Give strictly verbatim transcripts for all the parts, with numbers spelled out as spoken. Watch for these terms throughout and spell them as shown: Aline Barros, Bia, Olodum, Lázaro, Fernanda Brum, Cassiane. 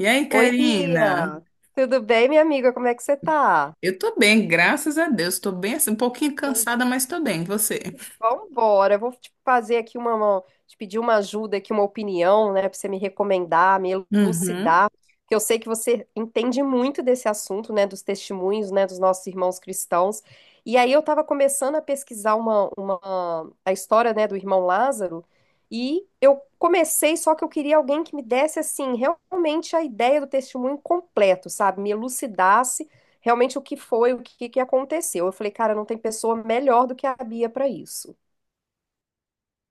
E aí, Oi, Karina? Bia. Tudo bem, minha amiga? Como é que você tá? Eu tô bem, graças a Deus. Tô bem assim, um pouquinho Pois, cansada, mas tô bem. E Você? vambora. Eu vou te fazer aqui uma, uma- te pedir uma ajuda aqui, uma opinião, né, para você me recomendar, me Uhum. elucidar, que eu sei que você entende muito desse assunto, né, dos testemunhos, né, dos nossos irmãos cristãos. E aí eu estava começando a pesquisar uma, uma a história, né, do irmão Lázaro, e eu comecei, só que eu queria alguém que me desse assim, realmente a ideia do testemunho completo, sabe? Me elucidasse realmente o que foi, o que, que aconteceu. Eu falei, cara, não tem pessoa melhor do que a Bia para isso.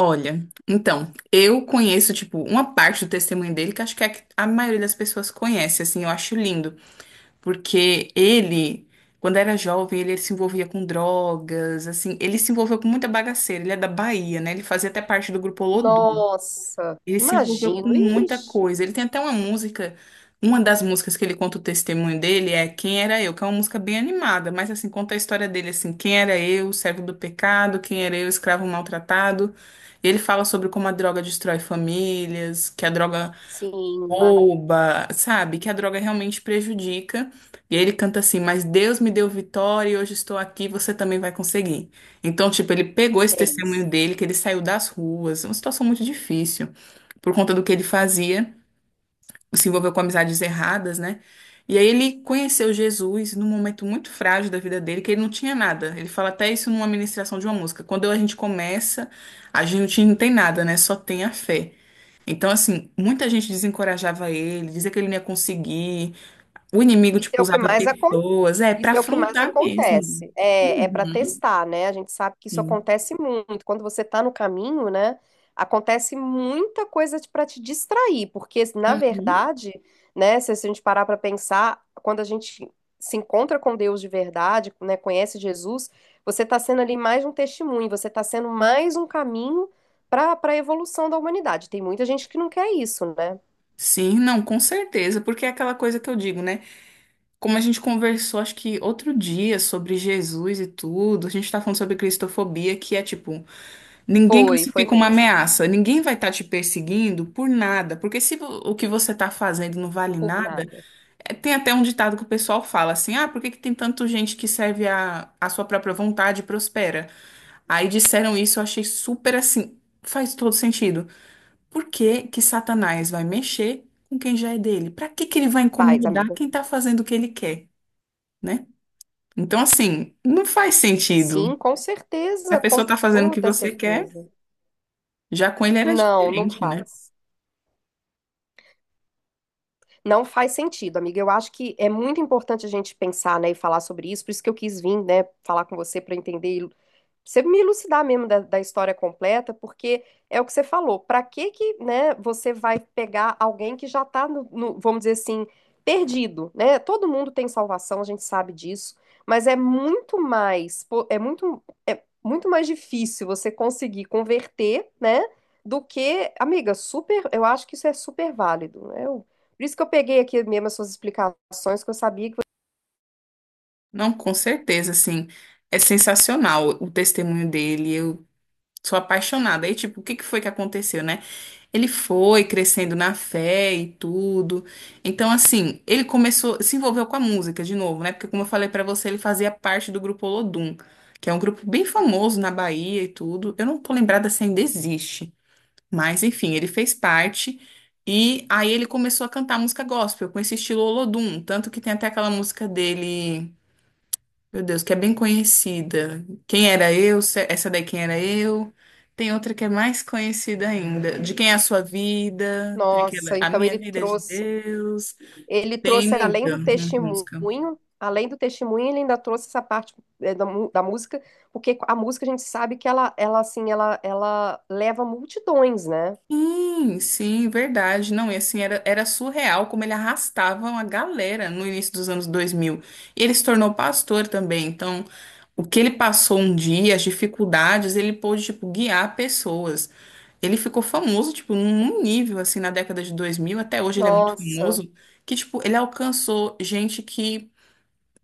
Olha, então, eu conheço, tipo, uma parte do testemunho dele que acho que é a, que a maioria das pessoas conhece, assim, eu acho lindo. Porque ele, quando era jovem, ele se envolvia com drogas, assim, ele se envolveu com muita bagaceira. Ele é da Bahia, né? Ele fazia até parte do grupo Olodum. Nossa, Ele se envolveu imagino. com muita Ixi, coisa. Ele tem até uma música, uma das músicas que ele conta o testemunho dele é Quem Era Eu, que é uma música bem animada, mas assim, conta a história dele assim, quem era eu, servo do pecado, quem era eu, escravo maltratado. E ele fala sobre como a droga destrói famílias, que a droga sim, mas rouba, sabe? Que a droga realmente prejudica. E aí ele canta assim, mas Deus me deu vitória e hoje estou aqui, você também vai conseguir. Então, tipo, ele pegou esse é isso. testemunho dele, que ele saiu das ruas, uma situação muito difícil por conta do que ele fazia, se envolveu com amizades erradas, né? E aí ele conheceu Jesus num momento muito frágil da vida dele, que ele não tinha nada. Ele fala até isso numa ministração de uma música. Quando a gente começa, a gente não tem nada, né? Só tem a fé. Então, assim, muita gente desencorajava ele, dizia que ele não ia conseguir. O inimigo, Isso tipo, é o que usava mais pessoas, é, pra Isso é é o que mais afrontar mesmo. acontece. É, é para Uhum, testar, né? A gente sabe que isso sim. acontece muito. Quando você tá no caminho, né? Acontece muita coisa para te distrair, porque na Uhum. verdade, né? Se a gente parar para pensar, quando a gente se encontra com Deus de verdade, né? Conhece Jesus, você tá sendo ali mais um testemunho, você tá sendo mais um caminho para para a evolução da humanidade. Tem muita gente que não quer isso, né? Sim, não, com certeza, porque é aquela coisa que eu digo, né? Como a gente conversou, acho que outro dia, sobre Jesus e tudo, a gente tá falando sobre cristofobia, que é tipo, ninguém Foi, foi crucifica uma mesmo. ameaça, ninguém vai estar te perseguindo por nada, porque se vo- o que você tá fazendo não vale Por nada, nada. é, tem até um ditado que o pessoal fala assim, ah, por que que tem tanta gente que serve a, a sua própria vontade e prospera? Aí disseram isso, eu achei super assim, faz todo sentido. Por que que Satanás vai mexer com quem já é dele? Pra que que ele vai Faz, incomodar amiga. quem tá fazendo o que ele quer? Né? Então, assim, não faz sentido. Sim, com A certeza, com pessoa tá fazendo o que toda você quer, certeza. já com ele era Não, não diferente, né? faz. Não faz sentido, amiga. Eu acho que é muito importante a gente pensar, né, e falar sobre isso. Por isso que eu quis vir, né, falar com você para entender, você me elucidar mesmo da, da história completa, porque é o que você falou. Para que que, né, você vai pegar alguém que já está no, no, vamos dizer assim, perdido, né? Todo mundo tem salvação, a gente sabe disso, mas é muito mais, pô, é muito, é muito mais difícil você conseguir converter, né, do que, amiga, super, eu acho que isso é super válido, né? Eu- por isso que eu peguei aqui mesmo as suas explicações, que eu sabia que, você- Não, com certeza, assim, é sensacional o testemunho dele. Eu sou apaixonada. Aí, tipo, o que que foi que aconteceu, né? Ele foi crescendo na fé e tudo. Então, assim, ele começou, se envolveu com a música de novo, né? Porque, como eu falei pra você, ele fazia parte do grupo Olodum, que é um grupo bem famoso na Bahia e tudo. Eu não tô lembrada se ainda existe. Mas enfim, ele fez parte e aí ele começou a cantar música gospel com esse estilo Olodum, tanto que tem até aquela música dele, meu Deus, que é bem conhecida. Quem era eu? Se- Essa daí quem era eu? Tem outra que é mais conhecida ainda, De quem é a sua vida? Tem aquela nossa, A então minha ele vida é de trouxe Deus. ele Tem trouxe, além muita, do muita música. testemunho, além do testemunho, ele ainda trouxe essa parte, é, da, mu- da música, porque a música a gente sabe que ela, ela assim, ela, ela leva multidões, né? Sim, sim, verdade. Não, e assim, era, era surreal como ele arrastava uma galera no início dos anos dois mil. E ele se tornou pastor também, então o que ele passou um dia, as dificuldades, ele pôde, tipo, guiar pessoas. Ele ficou famoso, tipo, num nível, assim, na década de dois mil até hoje ele é muito Nossa, famoso, que, tipo, ele alcançou gente que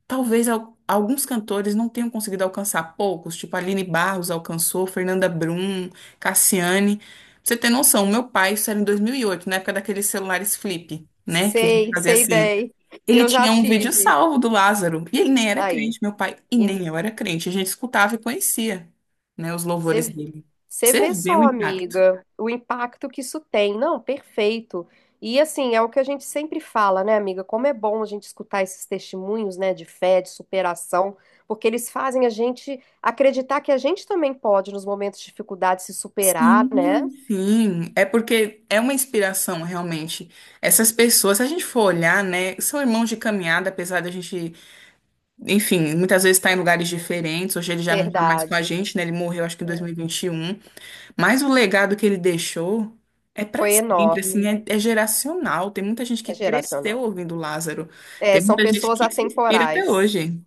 talvez al- alguns cantores não tenham conseguido alcançar, poucos, tipo, Aline Barros alcançou, Fernanda Brum, Cassiane. Pra você ter noção, o meu pai, isso era em dois mil e oito na época daqueles celulares flip, né, que a gente sei, fazia sei assim, bem. ele Eu já tinha um vídeo tive. salvo do Lázaro. E ele nem era Aí. crente, meu pai. E E nem eu era crente. A gente escutava e conhecia, né, os louvores você, dele. Pra você Você vê vê o só, impacto. amiga, o impacto que isso tem. Não, perfeito. E assim, é o que a gente sempre fala, né, amiga? Como é bom a gente escutar esses testemunhos, né, de fé, de superação, porque eles fazem a gente acreditar que a gente também pode, nos momentos de dificuldade, se superar, né? Sim, sim. É porque é uma inspiração, realmente. Essas pessoas, se a gente for olhar, né, são irmãos de caminhada, apesar da gente, enfim, muitas vezes estar em lugares diferentes. Hoje ele já não está mais com a Verdade. gente, né? Ele morreu, acho que em dois mil e vinte e um. Mas o legado que ele deixou é para Foi sempre, assim, enorme. é, é geracional. Tem muita gente que É geracional. cresceu ouvindo Lázaro. É, Tem são muita gente pessoas que se inspira até atemporais. hoje.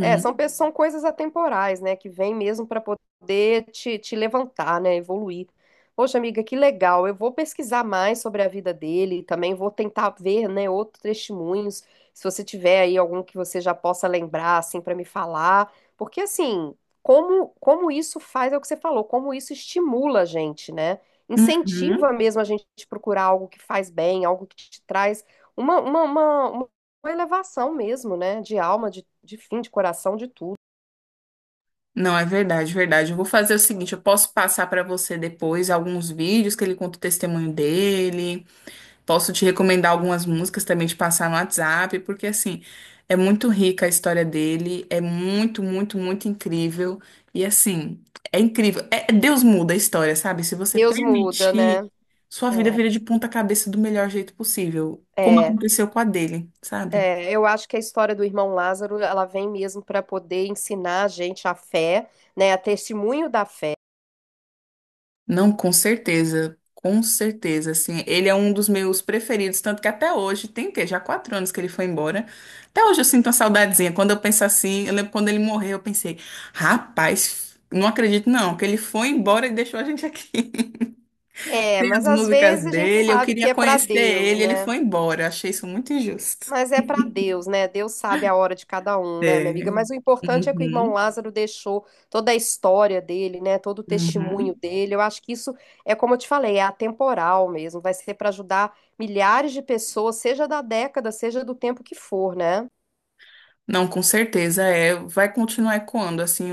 É, são, pe- são coisas atemporais, né? Que vem mesmo para poder te, te levantar, né? Evoluir. Poxa, amiga, que legal. Eu vou pesquisar mais sobre a vida dele, também vou tentar ver, né, outros testemunhos. Se você tiver aí algum que você já possa lembrar, assim, para me falar. Porque, assim, como, como isso faz, é o que você falou, como isso estimula a gente, né? uhum. Incentiva mesmo a gente procurar algo que faz bem, algo que te traz Uma, uma, uma, uma elevação mesmo, né? De alma, de, de fim, de coração, de tudo. Não, é verdade, verdade. Eu vou fazer o seguinte, eu posso passar para você depois alguns vídeos que ele conta o testemunho dele. Posso te recomendar algumas músicas também de passar no WhatsApp, porque assim, é muito rica a história dele, é muito, muito, muito incrível. E assim, é incrível. É, é, Deus muda a história, sabe? Se você Deus muda, permitir, né? sua vida É, vira de ponta cabeça do melhor jeito possível, como é, aconteceu com a dele, sabe? é, eu acho que a história do irmão Lázaro, ela vem mesmo para poder ensinar a gente a fé, né? A testemunho da fé. Não, com certeza, com certeza, assim, ele é um dos meus preferidos, tanto que até hoje, tem o quê? Já quatro anos que ele foi embora, até hoje eu sinto uma saudadezinha, quando eu penso assim, eu lembro quando ele morreu, eu pensei, rapaz, não acredito não, que ele foi embora e deixou a gente aqui, É, tem mas as às músicas vezes a gente dele, eu sabe que queria é para conhecer Deus, ele, ele né? foi embora, eu achei isso muito injusto. Mas é para Deus, né? Deus sabe a hora de cada um, né, minha amiga? É. Mas o importante é que o irmão Uhum, Lázaro deixou toda a história dele, né? Todo o testemunho uhum. dele. Eu acho que isso é, como eu te falei, é atemporal mesmo. Vai ser para ajudar milhares de pessoas, seja da década, seja do tempo que for, né? Não, com certeza, é, vai continuar ecoando, assim,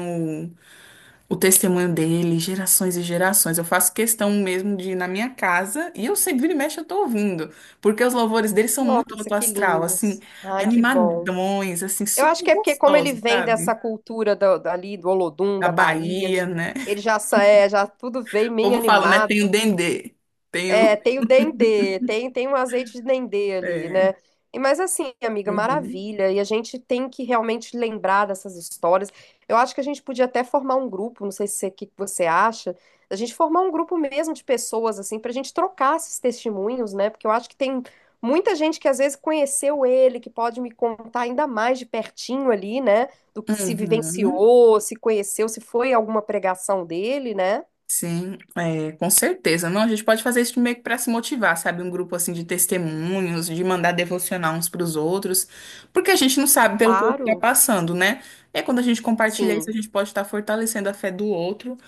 o testemunho dele, gerações e gerações. Eu faço questão mesmo de ir na minha casa e eu sempre vira e mexe eu tô ouvindo, porque os louvores dele são muito Nossa, alto que astral, assim, lindos. Ai, que bom. animadões, assim, Eu acho super que é porque, como ele gostosos, vem sabe? dessa cultura do, ali do Olodum, Da da Bahia, Bahia, né? ele já, sa- é, já tudo veio O meio povo fala, né? Tem o animado. dendê, tem É, o... tem o dendê, tem, tem um azeite de dendê ali, É. né? E, mas assim, amiga, Uhum. maravilha. E a gente tem que realmente lembrar dessas histórias. Eu acho que a gente podia até formar um grupo, não sei se o que que você acha, a gente formar um grupo mesmo de pessoas, assim, pra gente trocar esses testemunhos, né? Porque eu acho que tem muita gente que às vezes conheceu ele, que pode me contar ainda mais de pertinho ali, né? Do que se Uhum. vivenciou, se conheceu, se foi alguma pregação dele, né? Sim, é, com certeza. Não, a gente pode fazer isso meio que para se motivar, sabe? Um grupo assim de testemunhos, de mandar devocionar uns para os outros, porque a gente não sabe pelo que o outro está Claro. passando, né? É quando a gente compartilha isso, a Sim. gente pode estar fortalecendo a fé do outro.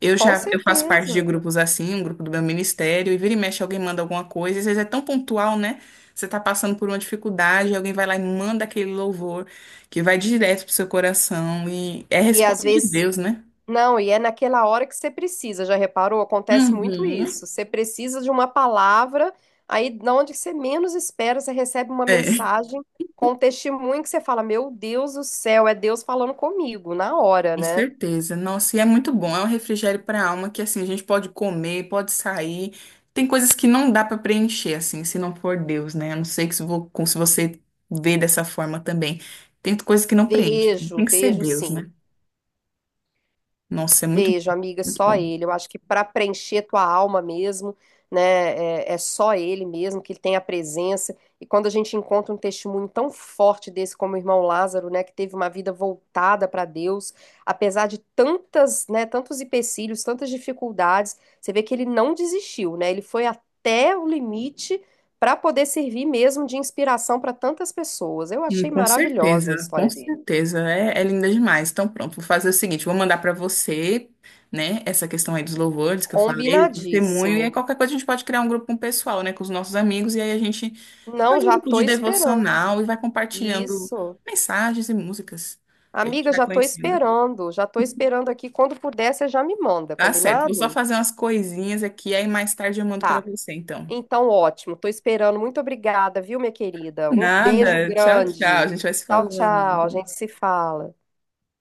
Eu Com já eu faço parte de certeza. grupos assim, um grupo do meu ministério, e vira e mexe alguém manda alguma coisa, às vezes é tão pontual, né? Você está passando por uma dificuldade, alguém vai lá e manda aquele louvor que vai direto pro seu coração e é E às resposta de vezes, Deus, né? não, e é naquela hora que você precisa, já reparou? Acontece muito Uhum. isso. Você precisa de uma palavra, aí na onde você menos espera, você recebe uma É. mensagem com um testemunho que você fala: Meu Deus do céu, é Deus falando comigo, na hora, Com né? certeza. Nossa, e é muito bom. É um refrigério para a alma que assim a gente pode comer, pode sair. Tem coisas que não dá para preencher assim, se não for Deus, né? A não sei que se vo- com- se você vê dessa forma também. Tem coisas que não preenche. Vejo, Tem que ser vejo Deus, sim. né? Nossa, é muito Vejo, bom, amiga, muito só bom. ele. Eu acho que para preencher tua alma mesmo, né, é, é só ele mesmo que tem a presença. E quando a gente encontra um testemunho tão forte desse como o irmão Lázaro, né, que teve uma vida voltada para Deus, apesar de tantas, né, tantos empecilhos, tantas dificuldades, você vê que ele não desistiu, né? Ele foi até o limite para poder servir mesmo de inspiração para tantas pessoas. Eu Hum, achei Com maravilhosa a certeza, com história dele. certeza. É, é linda demais. Então pronto, vou fazer o seguinte, vou mandar para você, né, essa questão aí dos louvores que eu falei, do testemunho, e aí Combinadíssimo. qualquer coisa a gente pode criar um grupo com o pessoal, né, com os nossos amigos, e aí a gente Não, faz um já grupo tô de esperando. devocional e vai compartilhando Isso. mensagens e músicas que a gente Amiga, vai já tô conhecendo. esperando, já tô esperando aqui. Quando puder, você já me manda, Tá certo. Vou só combinado? fazer umas coisinhas aqui, aí mais tarde eu mando para Tá. você, então. Então, ótimo. Tô esperando. Muito obrigada, viu, minha querida? Um beijo Nada. Tchau, tchau. A grande. gente vai se Tchau, tchau. A falando. gente se fala.